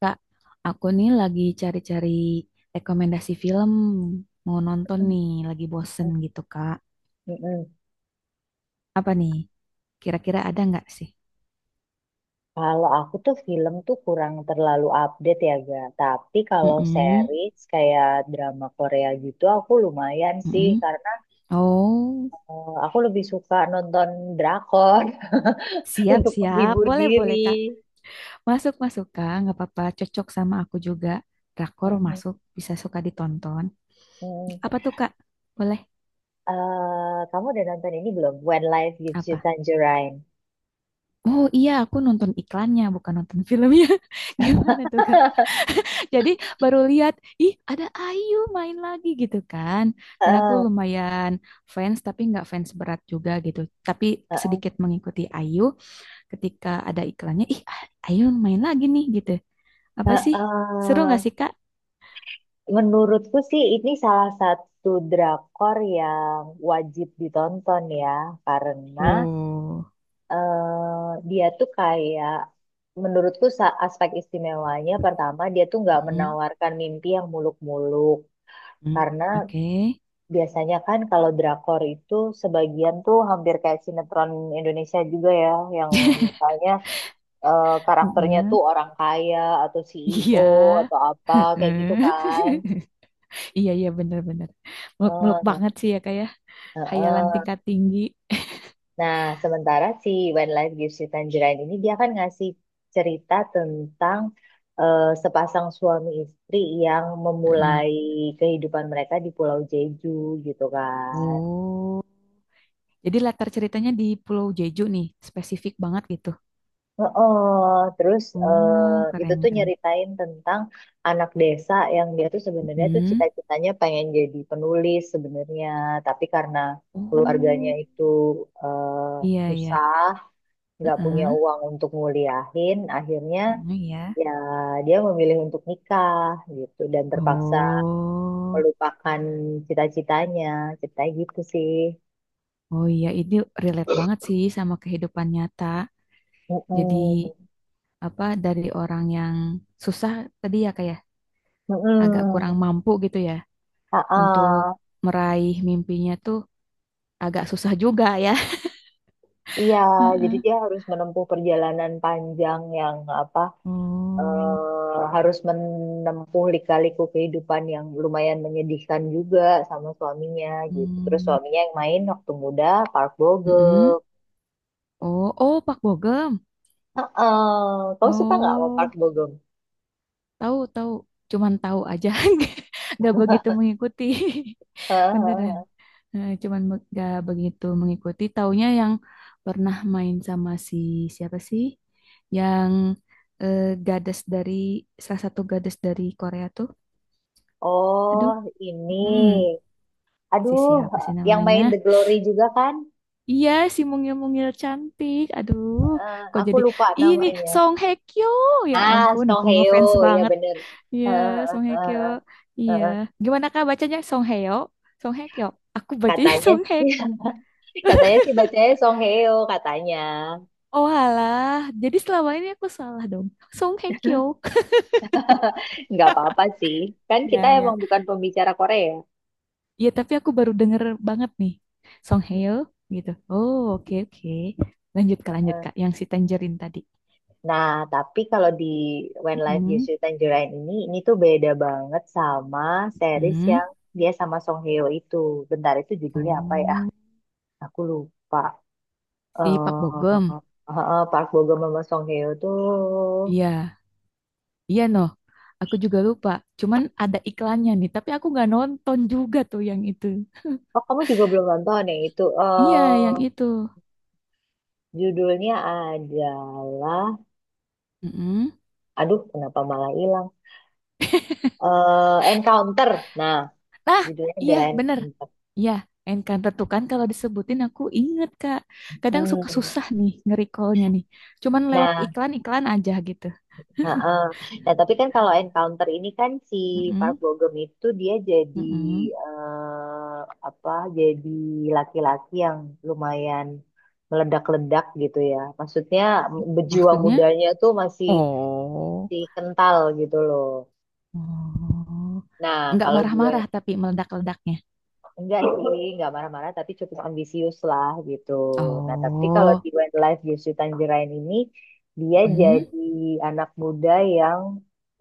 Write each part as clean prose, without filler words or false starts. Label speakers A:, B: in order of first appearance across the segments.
A: Kak, aku nih lagi cari-cari rekomendasi film mau nonton
B: Mm-mm.
A: nih, lagi bosen gitu, Kak. Apa nih? Kira-kira ada nggak sih?
B: Kalau aku tuh film tuh kurang terlalu update ya ga. Tapi kalau
A: Mm-mm,
B: series kayak drama Korea gitu aku lumayan sih
A: mm-mm.
B: karena
A: Oh,
B: aku lebih suka nonton drakor untuk
A: siap-siap.
B: menghibur diri.
A: Boleh-boleh, Kak. Masuk-masuk, Kak. Nggak apa-apa. Cocok sama aku juga. Drakor
B: Mm-mm.
A: masuk, bisa suka ditonton.
B: Mm.
A: Apa tuh, Kak? Boleh?
B: Kamu udah nonton ini belum? When Life Gives You
A: Apa?
B: Tangerine.
A: Oh iya, aku nonton iklannya, bukan nonton filmnya. Gimana tuh, Kak? Jadi baru lihat, ih ada Ayu main lagi gitu kan. Dan aku
B: Eh,
A: lumayan fans tapi nggak fans berat juga gitu. Tapi
B: eh,
A: sedikit mengikuti Ayu ketika ada iklannya, ih Ayu main lagi nih gitu.
B: eh,
A: Apa sih? Seru nggak sih
B: eh.
A: Kak?
B: Menurutku sih ini salah satu drakor yang wajib ditonton ya, karena
A: Oh,
B: dia tuh kayak, menurutku aspek istimewanya pertama dia tuh nggak
A: mm,
B: menawarkan mimpi yang muluk-muluk,
A: mm,
B: karena
A: oke.
B: biasanya kan kalau drakor itu sebagian tuh hampir kayak sinetron Indonesia juga ya, yang misalnya karakternya
A: Mm,
B: tuh orang kaya atau CEO
A: iya,
B: atau apa kayak gitu
A: mm.
B: kan.
A: Iya iya, bener-bener muluk-muluk
B: Eh,
A: banget sih ya, kayak
B: eh,
A: hayalan
B: eh.
A: tingkat tinggi.
B: Nah, sementara si When Life Gives You Tangerine ini dia kan ngasih cerita tentang sepasang suami istri yang
A: Mm.
B: memulai kehidupan mereka di Pulau Jeju gitu kan.
A: Oh. Jadi latar ceritanya di Pulau Jeju nih, spesifik banget gitu.
B: Oh, terus
A: Oh,
B: itu
A: keren
B: tuh
A: keren.
B: nyeritain tentang anak desa yang dia tuh sebenarnya tuh
A: Mm-mm.
B: cita-citanya pengen jadi penulis sebenarnya, tapi karena keluarganya
A: Oh,
B: itu eh,
A: iya iya.
B: susah, nggak punya
A: Heeh.
B: uang untuk nguliahin, akhirnya
A: Heeh, iya.
B: ya dia memilih untuk nikah gitu dan terpaksa
A: Oh,
B: melupakan cita-citanya, ceritanya gitu sih.
A: oh iya ini relate banget sih sama kehidupan nyata. Jadi
B: Mm-mm.
A: apa dari orang yang susah tadi ya, kayak agak
B: Mm-mm.
A: kurang mampu gitu ya, untuk
B: Ah-ah.
A: meraih mimpinya tuh agak susah juga ya.
B: Iya, jadi
A: Heeh.
B: dia harus menempuh perjalanan panjang, yang apa,
A: Oh.
B: harus menempuh lika-liku kehidupan yang lumayan menyedihkan juga sama suaminya gitu. Terus
A: Hmm.
B: suaminya yang main waktu muda Park Bo Gum.
A: Mm-mm. Oh, oh Pak Bogem.
B: Ah-ah. Kau suka nggak sama Park
A: Oh,
B: Bo Gum?
A: tahu tahu, cuman tahu aja, nggak begitu mengikuti, beneran. Nah, cuman nggak begitu mengikuti. Taunya yang pernah main sama si siapa sih? Yang eh, gadis dari salah satu gadis dari Korea tuh,
B: Oh,
A: aduh,
B: ini.
A: hmm, si
B: Aduh,
A: siapa sih
B: yang
A: namanya?
B: main The Glory juga kan?
A: Iya, si mungil-mungil cantik. Aduh, kok
B: Aku
A: jadi
B: lupa
A: ini
B: namanya.
A: Song Hye Kyo. Ya
B: Ah,
A: ampun, aku
B: Song
A: ngefans
B: Heo, ya
A: banget.
B: bener. Eh,
A: Iya,
B: eh,
A: Song Hye Kyo.
B: eh, eh,
A: Iya.
B: eh.
A: Gimana Kak bacanya Song Hye-yo? Song Hye Kyo. Aku bacanya
B: Katanya,
A: Song Hye
B: sih,
A: Kyo.
B: katanya sih bacanya Song Heo, katanya.
A: Oh alah, jadi selama ini aku salah dong. Song Hye Kyo.
B: Nggak apa-apa sih. Kan
A: Iya
B: kita
A: iya.
B: emang bukan pembicara Korea.
A: Iya, tapi aku baru denger banget nih. Song Hye-yo gitu. Oh, oke oke. Lanjut Kak, lanjut Kak. Yang si Tangerine tadi.
B: Nah, tapi kalau di When Life Gives
A: Mm-mm.
B: You Tangerine ini tuh beda banget sama series
A: Hmm.
B: yang dia sama Song Heo itu. Bentar, itu judulnya apa ya?
A: Oh,
B: Aku lupa.
A: si Pak Bogem.
B: Park Bo Gum sama Song Hye Kyo tuh.
A: Iya, iya noh. Aku juga lupa. Cuman ada iklannya nih, tapi aku nggak nonton juga tuh yang itu.
B: Oh, kamu juga belum nonton ya itu.
A: Iya, yang itu.
B: Judulnya adalah,
A: Mm-mm.
B: aduh kenapa malah hilang, Encounter. Nah,
A: Nah,
B: judulnya
A: iya
B: adalah
A: bener.
B: Encounter.
A: Iya, Encanto tuh kan kalau disebutin aku inget, Kak. Kadang suka susah
B: Hmm.
A: nih nge-recallnya nih. Cuman lewat
B: Nah.
A: iklan-iklan aja gitu.
B: Heeh. Nah, tapi kan kalau Encounter ini kan si Park
A: Mm-mm.
B: Bo Gum itu dia jadi,
A: Mm-mm.
B: eh, apa? Jadi laki-laki yang lumayan meledak-ledak gitu ya. Maksudnya, berjiwa
A: Maksudnya?
B: mudanya tuh masih
A: Oh.
B: masih kental gitu loh.
A: Oh.
B: Nah,
A: Nggak
B: kalau dua.
A: marah-marah tapi meledak-ledaknya.
B: Enggak sih, enggak marah-marah, tapi cukup ambisius lah gitu. Nah, tapi kalau
A: Oh.
B: di Westlife Jusri Tanjirain ini, dia
A: Mm.
B: jadi anak muda yang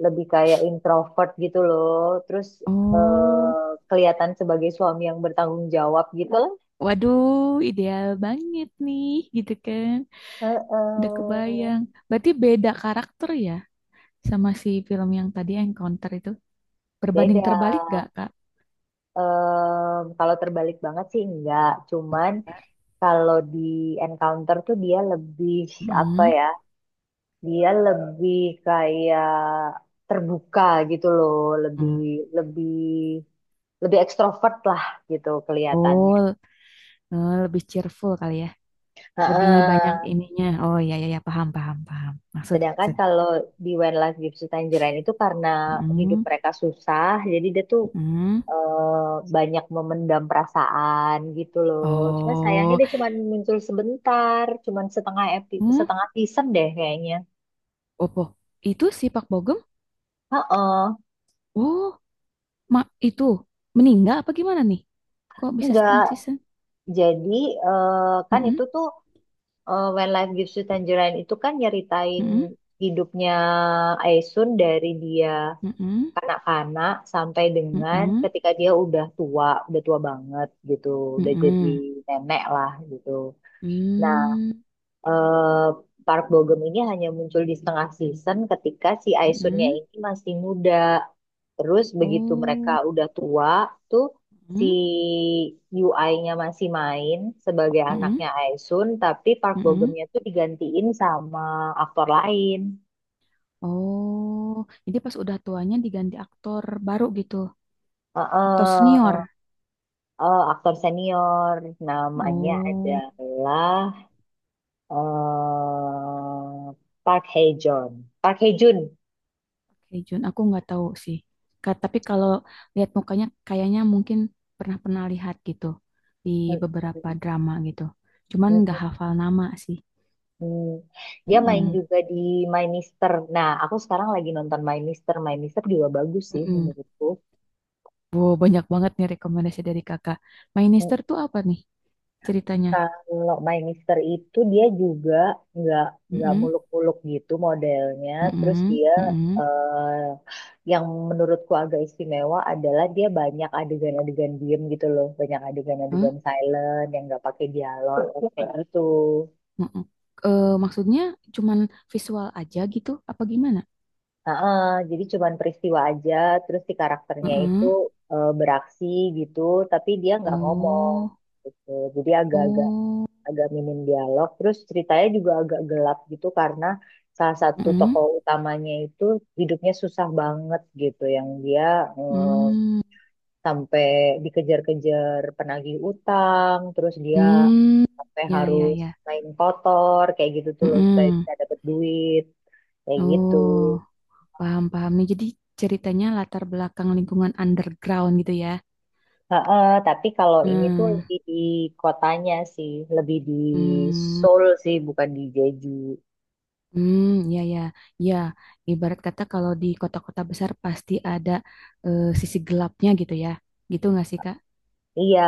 B: lebih kayak introvert gitu loh. Terus
A: Oh.
B: kelihatan sebagai suami yang bertanggung jawab gitu lah.
A: Waduh, ideal banget nih, gitu kan. Udah
B: Heeh.
A: kebayang. Berarti beda karakter ya sama si film yang tadi Encounter itu. Berbanding
B: Beda.
A: terbalik gak, Kak?
B: Kalau terbalik banget sih enggak. Cuman
A: Enggak.
B: kalau di Encounter tuh dia lebih apa
A: Mm.
B: ya, dia lebih kayak terbuka gitu loh, lebih
A: Mm.
B: lebih lebih ekstrovert lah gitu kelihatannya.
A: Oh, lebih cheerful kali ya. Lebih banyak
B: Heeh.
A: ininya. Oh, ya ya ya, paham, paham, paham. Maksud,
B: Sedangkan
A: maksud.
B: kalau di When Life Gives You Tangerine itu, karena hidup
A: Mm-mm,
B: mereka susah, jadi dia tuh banyak memendam perasaan gitu loh. Cuma sayangnya
A: oh,
B: dia cuma muncul sebentar, cuma setengah epi,
A: hmm,
B: setengah season deh kayaknya.
A: opo. Itu si Pak Bogem?
B: Heeh.
A: Oh, mak itu meninggal apa gimana nih? Kok bisa
B: Enggak,
A: setengah season?
B: jadi eh, kan
A: Mm.
B: itu tuh, When Life Gives You Tangerine itu kan nyeritain
A: Mm-mm,
B: hidupnya Aisun dari dia
A: mm-mm,
B: kanak-kanak sampai dengan
A: mm-mm,
B: ketika dia udah tua banget gitu, udah jadi
A: mm-mm,
B: nenek lah gitu. Nah,
A: mm,
B: eh, Park Bo Gum ini hanya muncul di setengah season ketika si Aisunnya
A: mm-mm,
B: ini masih muda. Terus begitu mereka
A: oh,
B: udah tua tuh, si
A: mm,
B: UI-nya masih main sebagai
A: mm-mm,
B: anaknya Aisun, tapi Park Bo
A: mm-mm.
B: Gum-nya tuh digantiin sama aktor lain.
A: Oh, jadi pas udah tuanya diganti aktor baru gitu, aktor
B: Heeh,
A: senior.
B: aktor senior namanya
A: Oh,
B: adalah eh Park Hae Joon. Park Hae Joon.
A: oke Jun, aku nggak tahu sih. Ka- tapi kalau lihat mukanya, kayaknya mungkin pernah-pernah lihat gitu di beberapa drama gitu. Cuman nggak hafal nama sih.
B: Hmm, dia main
A: Mm-mm,
B: juga di My Mister. Nah, aku sekarang lagi nonton My Mister. My Mister juga bagus sih
A: mm-mm.
B: menurutku.
A: Wow, banyak banget nih rekomendasi dari kakak.
B: Hmm.
A: Minister tuh apa nih ceritanya?
B: Kalau My Mister itu dia juga nggak nggak
A: Mm-mm,
B: muluk-muluk gitu modelnya. Terus
A: mm-mm,
B: dia,
A: mm-mm,
B: eh, yang menurutku agak istimewa adalah dia banyak adegan-adegan diem gitu loh, banyak
A: huh?
B: adegan-adegan silent yang nggak pakai dialog kayak gitu.
A: Mm-mm. Eh, maksudnya cuman visual aja gitu? Apa gimana?
B: Heeh, jadi cuman peristiwa aja, terus si karakternya itu
A: Mm-mm.
B: beraksi gitu, tapi dia nggak ngomong
A: Oh,
B: gitu. Jadi agak-agak
A: oh,
B: agak minim dialog. Terus ceritanya juga agak gelap gitu karena salah satu
A: mm-mm,
B: tokoh utamanya itu hidupnya susah banget gitu, yang dia eh,
A: mm,
B: sampai dikejar-kejar penagih utang, terus dia
A: mm.
B: sampai
A: Ya, ya,
B: harus
A: ya.
B: main kotor kayak gitu tuh loh supaya
A: Mm-mm.
B: bisa dapet duit kayak gitu.
A: Oh, paham, paham nih. Jadi ceritanya latar belakang lingkungan underground gitu ya?
B: Heeh, tapi kalau ini tuh
A: Hmm,
B: lebih di kotanya sih, lebih di
A: hmm.
B: Seoul sih, bukan di Jeju.
A: Hmm, ya ya ya. Ibarat kata kalau di kota-kota besar pasti ada sisi gelapnya gitu ya. Gitu nggak sih Kak?
B: Iya,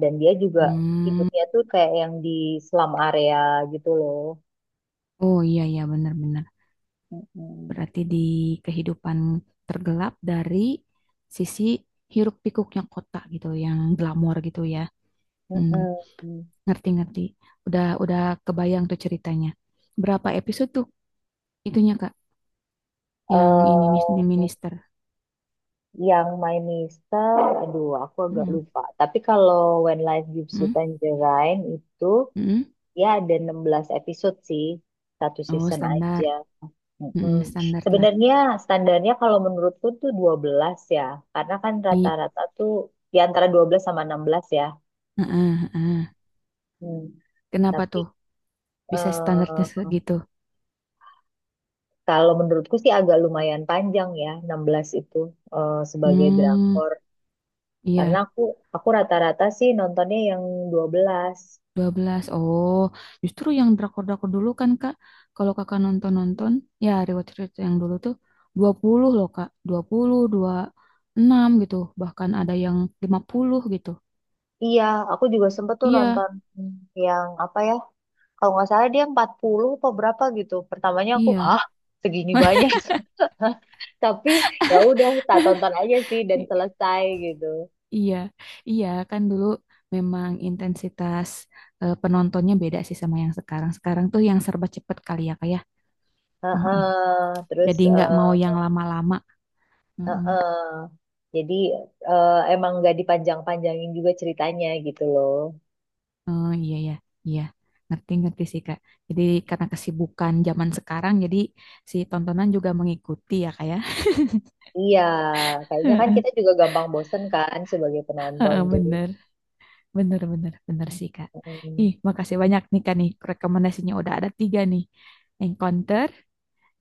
B: dan dia juga
A: Hmm,
B: hidupnya tuh kayak yang di slum area gitu loh.
A: oh iya iya benar-benar.
B: Mm-mm.
A: Berarti di kehidupan tergelap dari sisi hiruk-pikuknya kota gitu, yang glamor gitu ya. Hmm,
B: Mm-mm.
A: ngerti-ngerti. Udah kebayang tuh ceritanya. Berapa episode tuh itunya Kak?
B: Eh,
A: Yang ini mis- minister.
B: yang My Mister, aduh aku agak
A: Hmm,
B: lupa. Tapi kalau When Life Gives You
A: hmm,
B: Tangerine itu,
A: hmm.
B: ya ada 16 episode sih, satu
A: Oh
B: season aja.
A: standar,
B: Mm-mm.
A: hmm, standar lah.
B: Sebenarnya standarnya kalau menurutku tuh 12 ya, karena kan
A: I-
B: rata-rata tuh di antara 12 sama 16 ya.
A: heeh, heeh.
B: Hmm.
A: Kenapa
B: Tapi
A: tuh bisa standarnya
B: eh,
A: segitu?
B: kalau menurutku sih agak lumayan panjang ya 16 itu sebagai
A: Hmm,
B: drakor. Karena
A: iya,
B: aku rata-rata sih nontonnya yang 12.
A: 12. Oh, justru yang drakor-drakor dulu kan, Kak. Kalau Kakak nonton-nonton, ya rewatch-rewatch yang dulu tuh 20 loh, Kak. 20, enam gitu. Bahkan ada yang 50 gitu.
B: Iya, aku juga sempet tuh
A: Iya,
B: nonton yang apa ya. Kalau nggak salah dia 40 apa berapa gitu. Pertamanya aku,
A: iya.
B: hah? Segini banyak. Tapi ya udah, tak tonton aja sih dan
A: I-
B: selesai gitu.
A: iya, iya kan dulu memang intensitas penontonnya beda sih sama yang sekarang. Sekarang tuh yang serba cepet kali ya, Kak ya.
B: Heeh, terus
A: Jadi nggak mau yang lama-lama. Mm-mm.
B: heeh. Jadi emang nggak dipanjang-panjangin juga ceritanya gitu loh.
A: Eh, iya ya, iya. Ngerti-ngerti sih Kak. Jadi karena kesibukan zaman sekarang, jadi si tontonan juga mengikuti ya Kak ya.
B: Iya, kayaknya kan
A: Heeh,
B: kita juga gampang bosen kan sebagai penonton
A: heeh,
B: tuh.
A: bener, bener, bener, bener sih Kak.
B: Mm.
A: Ih, makasih banyak nih Kak nih. Rekomendasinya udah ada tiga nih. Encounter,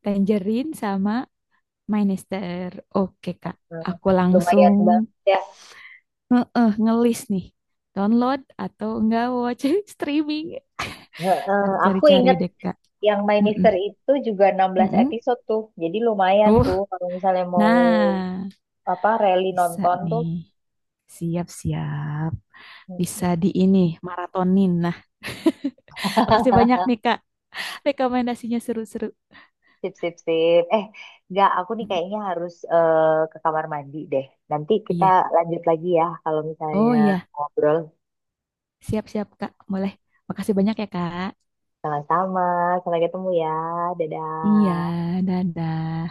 A: Tangerine, sama My Nester. Oke Kak,
B: Nah,
A: aku langsung
B: lumayan banget ya.
A: nge ngelis nih. Download atau enggak watch streaming.
B: Heeh,
A: Ntar
B: aku
A: cari-cari
B: ingat.
A: deh Kak.
B: Yang My
A: Mm-mm.
B: Mister itu juga 16
A: Mm-mm.
B: episode tuh. Jadi lumayan tuh
A: Uh,
B: kalau misalnya mau
A: nah,
B: apa rally
A: bisa
B: nonton tuh.
A: nih. Siap-siap. Bisa
B: Mm-mm.
A: di ini, maratonin. Nah, makasih banyak nih, Kak. Rekomendasinya seru-seru.
B: Sip, sip, sip. Nggak, aku nih
A: Mm-mm.
B: kayaknya harus ke kamar mandi deh. Nanti kita
A: Iya.
B: lanjut lagi ya kalau misalnya
A: Oh iya,
B: ngobrol
A: siap-siap, Kak. Boleh. Makasih banyak ya, Kak.
B: sama-sama. Sampai ketemu ya.
A: Iya,
B: Dadah.
A: dadah.